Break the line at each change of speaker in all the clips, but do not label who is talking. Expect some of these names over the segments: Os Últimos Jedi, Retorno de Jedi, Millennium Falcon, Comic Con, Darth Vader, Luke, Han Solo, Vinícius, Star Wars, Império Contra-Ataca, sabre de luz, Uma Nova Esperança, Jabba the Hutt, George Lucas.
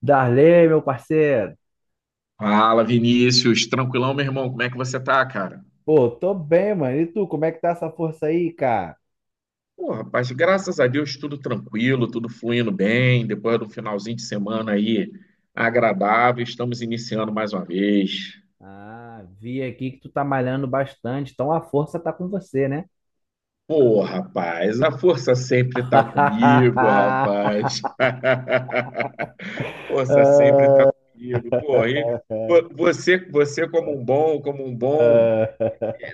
Darley, meu parceiro.
Fala, Vinícius. Tranquilão, meu irmão? Como é que você tá, cara?
Pô, tô bem, mano. E tu, como é que tá essa força aí, cara?
Pô, rapaz, graças a Deus, tudo tranquilo, tudo fluindo bem. Depois do finalzinho de semana aí agradável, estamos iniciando mais uma vez.
Ah, vi aqui que tu tá malhando bastante, então a força tá com você, né?
Pô, rapaz, a força sempre tá comigo, rapaz. Força sempre tá comigo. Pô, e você como um bom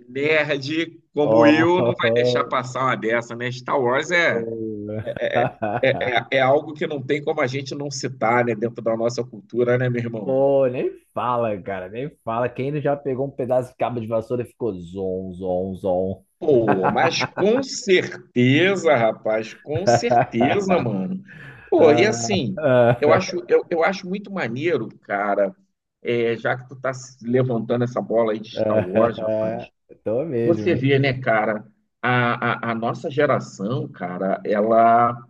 nerd, como
Oh,
eu, não vai deixar
oh,
passar uma dessa, né? Star Wars é.
oh.
É, é, é é algo que não tem como a gente não citar, né, dentro da nossa cultura, né, meu irmão?
Pô, nem fala, cara, nem fala. Quem não já pegou um pedaço de cabo de vassoura e ficou zon, zon, zon.
Pô, mas com certeza, rapaz, com certeza, mano. Pô, e
Ah,
assim, eu
ah,
acho, eu, eu acho muito maneiro, cara, já que tu tá se levantando essa bola aí de Star Wars, rapaz,
ah. Tô
você
mesmo.
vê, né, cara, a nossa geração, cara, ela.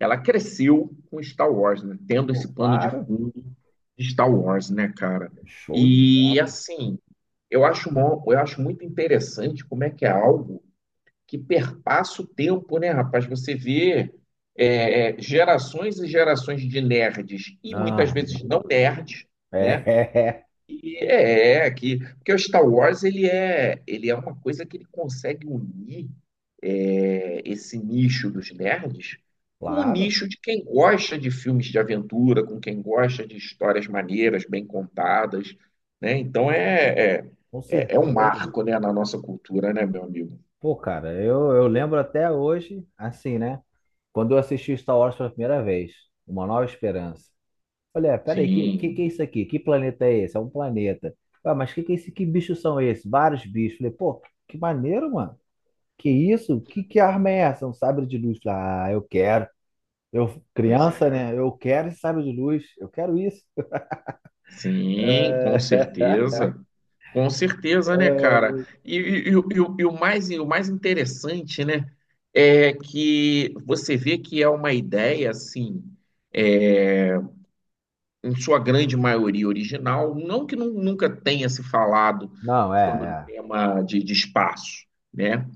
Ela cresceu com Star Wars, né? Tendo esse
Pô,
pano de
para.
fundo de Star Wars, né, cara?
Show de
E
bola.
assim, eu acho muito interessante como é que é algo que perpassa o tempo, né, rapaz? Você vê gerações e gerações de nerds e muitas vezes não
Aham.
nerds, né?
É.
E É, que porque o Star Wars ele é uma coisa que ele consegue unir esse nicho dos nerds com o
Claro,
nicho de quem gosta de filmes de aventura, com quem gosta de histórias maneiras, bem contadas, né? Então é, é,
com
é é um
certeza.
marco, né, na nossa cultura, né, meu amigo?
Pô, cara, eu lembro até hoje, assim, né? Quando eu assisti Star Wars pela primeira vez, Uma Nova Esperança. Olha, peraí, que é
Sim,
isso aqui? Que planeta é esse? É um planeta. Ah, mas que é esse? Que bichos são esses? Vários bichos. Falei, pô, que maneiro, mano. Que isso? Que arma é essa? É um sabre de luz. Falei, ah, eu quero. Eu,
pois é.
criança, né? Eu quero esse sabre de luz. Eu quero isso.
Sim, com certeza. Com certeza, né,
É,
cara? E o e o- e o mais interessante, né, é que você vê que é uma ideia, assim, é, em sua grande maioria original, não que nunca tenha se falado
não, é,
sobre o
é.
tema de espaço, né?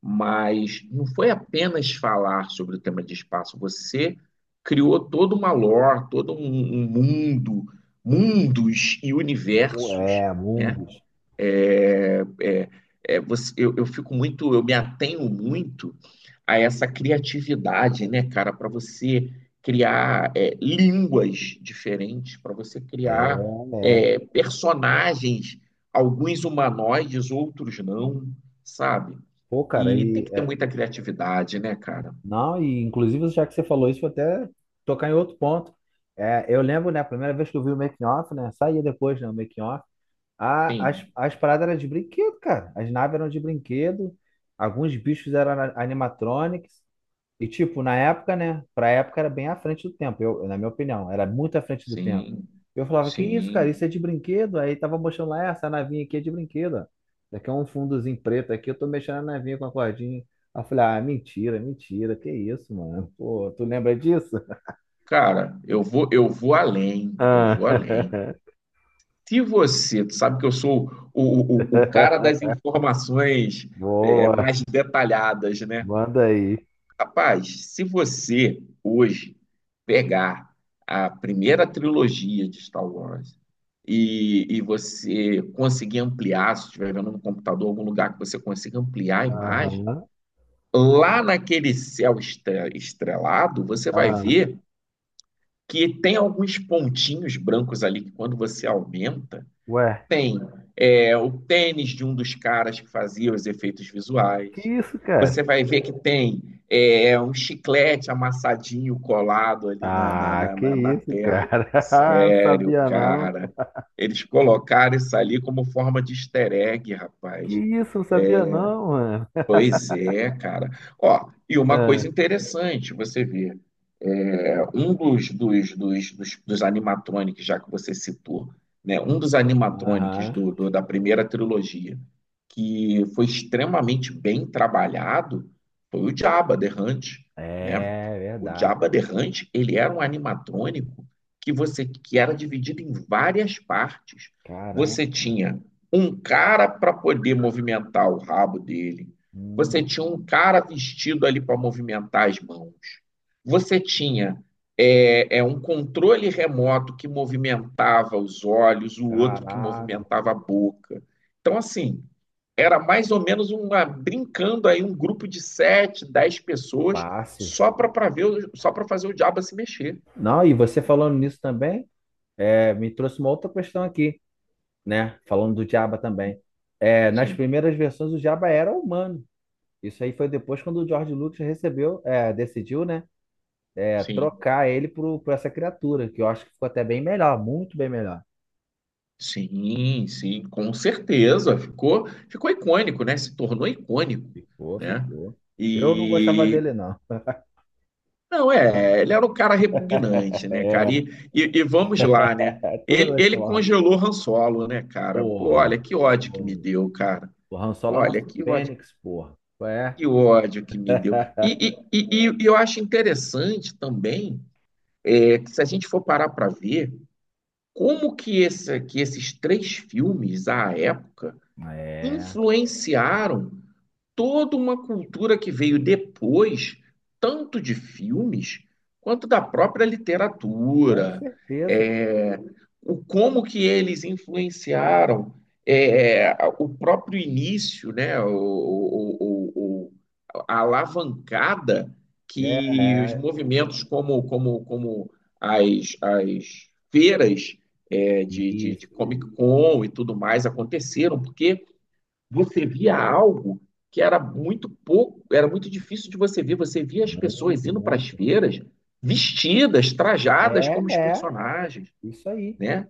Mas não foi apenas falar sobre o tema de espaço, você criou toda uma lore, todo um, mundo, mundos e universos,
É,
né?
Mundus.
É, é, eu me atenho muito a essa criatividade, né, cara, para você criar línguas diferentes, para você
É,
criar
é.
personagens, alguns humanoides, outros não, sabe?
Pô, cara,
E tem que ter muita criatividade, né, cara?
não, e inclusive já que você falou isso, vou até tocar em outro ponto. É, eu lembro, né, a primeira vez que eu vi o making off, né, saía depois, né, o making off, a, as,
Sim,
as paradas eram de brinquedo, cara. As naves eram de brinquedo, alguns bichos eram animatronics. E, tipo, na época, né? Pra época era bem à frente do tempo, eu, na minha opinião, era muito à frente do tempo.
sim,
Eu falava, que isso, cara,
sim.
isso é de brinquedo? Aí tava mostrando lá, "É, essa navinha aqui é de brinquedo. Ó. Isso aqui é um fundozinho preto aqui, eu tô mexendo na navinha com a cordinha. Aí eu falei, ah, mentira, mentira, que isso, mano? Pô, tu lembra disso?
Cara, eu vou além, eu
Ah,
vou além. Se você, tu sabe que eu sou o cara das informações
boa,
mais detalhadas, né?
manda aí.
Rapaz, se você hoje pegar a primeira trilogia de Star Wars e, você conseguir ampliar, se estiver vendo no computador algum lugar que você consiga ampliar a
Aham,
imagem, lá naquele céu estrelado, você vai
ah,
ver que tem alguns pontinhos brancos ali que quando você aumenta,
ué,
tem o tênis de um dos caras que fazia os efeitos
que
visuais.
isso, cara?
Você vai ver que tem um chiclete amassadinho colado ali na, na,
Ah,
na,
que
na, na
isso,
tela.
cara?
Sério,
Sabia não.
cara. Eles colocaram isso ali como forma de easter egg,
Que
rapaz.
isso, não sabia não, mano.
Pois é, cara. Ó, e uma
Ah,
coisa interessante, você vê um dos animatronics, já que você citou, né? Um dos animatronics
aham.
da primeira trilogia, que foi extremamente bem trabalhado, foi o Jabba the Hutt, né?
É
O
verdade.
Jabba the Hutt, ele era um animatrônico que era dividido em várias partes.
Caramba.
Você tinha um cara para poder movimentar o rabo dele. Você
Hum,
tinha um cara vestido ali para movimentar as mãos. Você tinha um controle remoto que movimentava os olhos, o outro que
caraca,
movimentava a boca. Então, assim, era mais ou menos uma brincando aí um grupo de sete, 10 pessoas
fácil.
só para ver, só para fazer o diabo se mexer.
Não, e você falando nisso também, é, me trouxe uma outra questão aqui, né? Falando do Diaba também. É, nas
Sim,
primeiras versões, o Diaba era humano. Isso aí foi depois quando o George Lucas recebeu, é, decidiu, né? É,
sim,
trocar ele por essa criatura, que eu acho que ficou até bem melhor, muito bem melhor.
sim, sim, com certeza. Ficou, ficou icônico, né? Se tornou icônico,
Ficou,
né?
ficou. Eu não gostava
E,
dele, não.
não, é, ele era um cara repugnante, né, cara? E vamos lá, né?
Toda
Ele,
noite
ele
pela Rádio.
congelou Han Solo, né, cara? Pô,
Porra,
olha que ódio que me
o,
deu, cara.
o Han Solo é nosso
Olha que ódio,
Fênix, porra. É.
que ódio que me deu. E eu acho interessante também, que se a gente for parar para ver, que esses três filmes, à época,
É,
influenciaram toda uma cultura que veio depois, tanto de filmes quanto da própria
com
literatura,
certeza.
é, o como que eles influenciaram é, o próprio início, né, a alavancada
É,
que os
é,
movimentos como as feiras de
isso,
Comic Con e tudo mais aconteceram, porque você via algo que era muito pouco, era muito difícil de você ver. Você via as pessoas
muito,
indo para as
muito.
feiras vestidas, trajadas
É,
como os
é,
personagens,
isso aí.
né?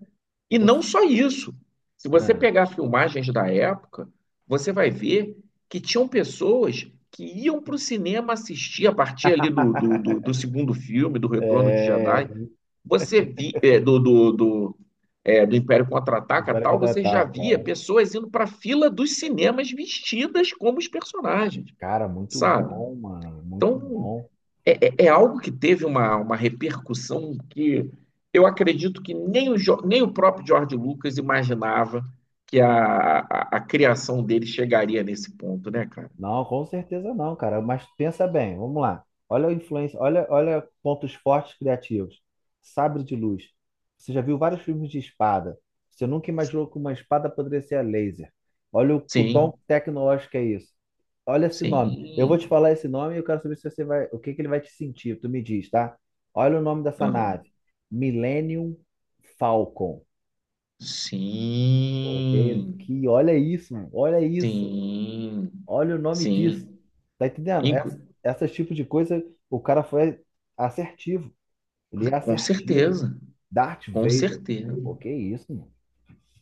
E não
Você-
só isso. Se você
ah.
pegar filmagens da época, você vai ver que tinham pessoas que iam para o cinema assistir a partir ali do, do, do, do segundo filme, do Retorno de
É.
Jedi. Você vi, é, do, do, do, é, do Império Contra-Ataca
Espero
tal, você já
contratar,
via
cara.
pessoas indo para a fila dos cinemas vestidas como os personagens,
Cara, muito
sabe?
bom, mano, muito
Então,
bom.
é algo que teve uma repercussão que eu acredito que nem o próprio George Lucas imaginava que a criação dele chegaria nesse ponto, né, cara?
Não, com certeza não, cara. Mas pensa bem, vamos lá. Olha a influência, olha, olha pontos fortes criativos. Sabre de luz. Você já viu vários filmes de espada. Você nunca imaginou que uma espada poderia ser a laser. Olha o
Sim,
tom tecnológico que é isso. Olha esse nome. Eu vou te
sim.
falar esse nome e eu quero saber se você vai, o que que ele vai te sentir. Tu me diz, tá? Olha o nome dessa
Aham.
nave. Millennium Falcon. Ok?
Sim,
Que olha isso, mano. Olha isso.
sim,
Olha o nome disso.
sim.
Tá entendendo? Essa,
Inclu-
essas tipo de coisa, o cara foi assertivo. Ele é
com
assertivo.
certeza,
Darth
com
Vader.
certeza.
O que isso, mano?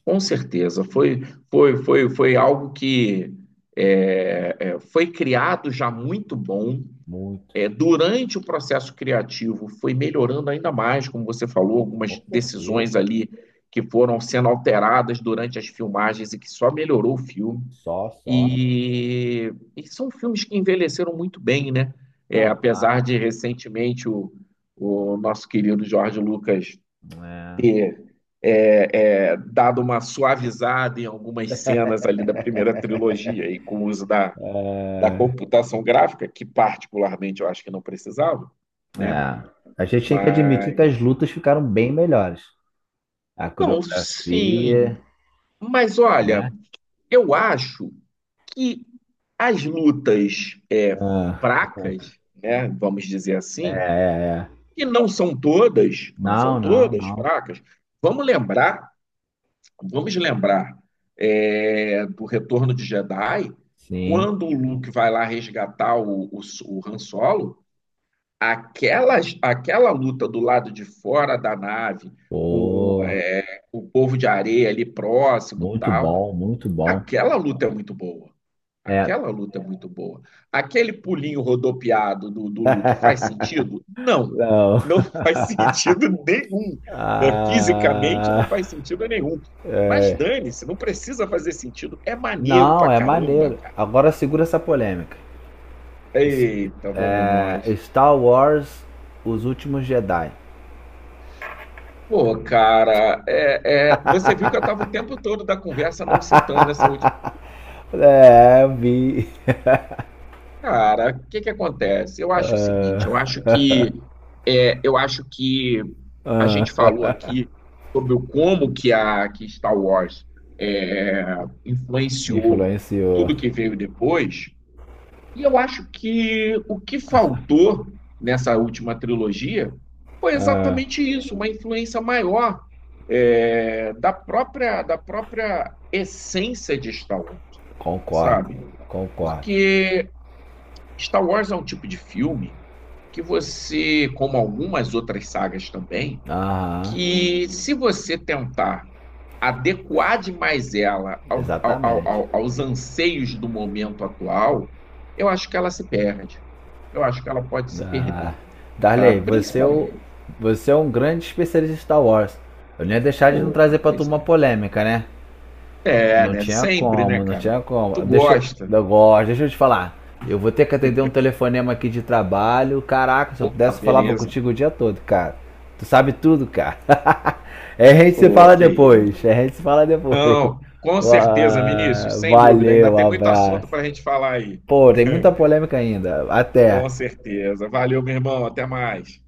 Com certeza, foi algo que foi criado já muito bom.
Muito.
É, durante o processo criativo, foi melhorando ainda mais, como você falou, algumas
Com certeza.
decisões ali que foram sendo alteradas durante as filmagens e que só melhorou o filme.
Só, só.
E são filmes que envelheceram muito bem, né? É,
Não,
apesar
claro.
de recentemente o nosso querido Jorge Lucas
É.
ter é, dado uma suavizada em algumas cenas ali da primeira trilogia e com o uso da
É.
computação gráfica, que particularmente eu acho que não precisava, né?
É. A gente tem que admitir que as
Mas.
lutas ficaram bem melhores. A
Não, sim.
coreografia,
Mas olha,
né?
eu acho que as lutas
Ah.
fracas, né, vamos dizer
É,
assim,
é, é.
e não são todas, não são
Não, não,
todas
não.
fracas. Vamos lembrar Vamos lembrar do Retorno de Jedi,
Sim.
quando o Luke vai lá resgatar o, Han Solo, aquela, aquela luta do lado de fora da nave, com
Pô.
o povo de areia ali próximo e
Muito
tal.
bom, muito bom.
Aquela luta é muito boa.
É,
Aquela luta é muito boa. Aquele pulinho rodopiado do Luke faz sentido? Não.
não.
Não faz sentido nenhum. Né? Fisicamente não
Ah,
faz sentido nenhum. Mas dane-se, não precisa fazer sentido. É maneiro
não,
pra
é
caramba,
maneiro.
cara.
Agora segura essa polêmica. Es-
Eita, vamos
É,
nós.
Star Wars, Os Últimos Jedi.
Pô, cara, você viu que eu tava o tempo todo da conversa não citando essa última.
É, eu vi.
Cara, o que que acontece? Eu acho o seguinte,
Ah,
eu acho que a
ah,
gente falou aqui sobre o como que Star Wars é, influenciou
influenciou.
tudo que veio depois, e eu acho que o que faltou nessa última trilogia foi
Ah,
exatamente isso, uma influência maior da própria essência de Star Wars,
concordo,
sabe?
concordo.
Porque Star Wars é um tipo de filme que você, como algumas outras sagas também,
Aham,
que se você tentar adequar demais ela
exatamente.
aos anseios do momento atual, eu acho que ela se perde. Eu acho que ela pode se
Ah,
perder, tá?
Darley,
Principalmente.
você é um grande especialista em Star Wars. Eu não ia deixar de não
Pô,
trazer
mas
pra tu
pois
uma
é.
polêmica, né?
É,
Não
né?
tinha
Sempre, né,
como, não
cara?
tinha
Tu
como. Deixa eu.
gosta.
Eu gosto, deixa eu te falar. Eu vou ter que atender um telefonema aqui de trabalho. Caraca, se eu
Opa,
pudesse, eu falava
beleza.
contigo o dia todo, cara. Tu sabe tudo, cara. É, a gente se
Pô,
fala
que
depois.
isso.
É, a gente se fala depois.
Não, com certeza,
Ah,
Vinícius, sem dúvida. Ainda
valeu,
tem muito
abraço.
assunto para a gente falar aí.
Pô, tem muita polêmica ainda.
Com
Até.
certeza. Valeu, meu irmão. Até mais.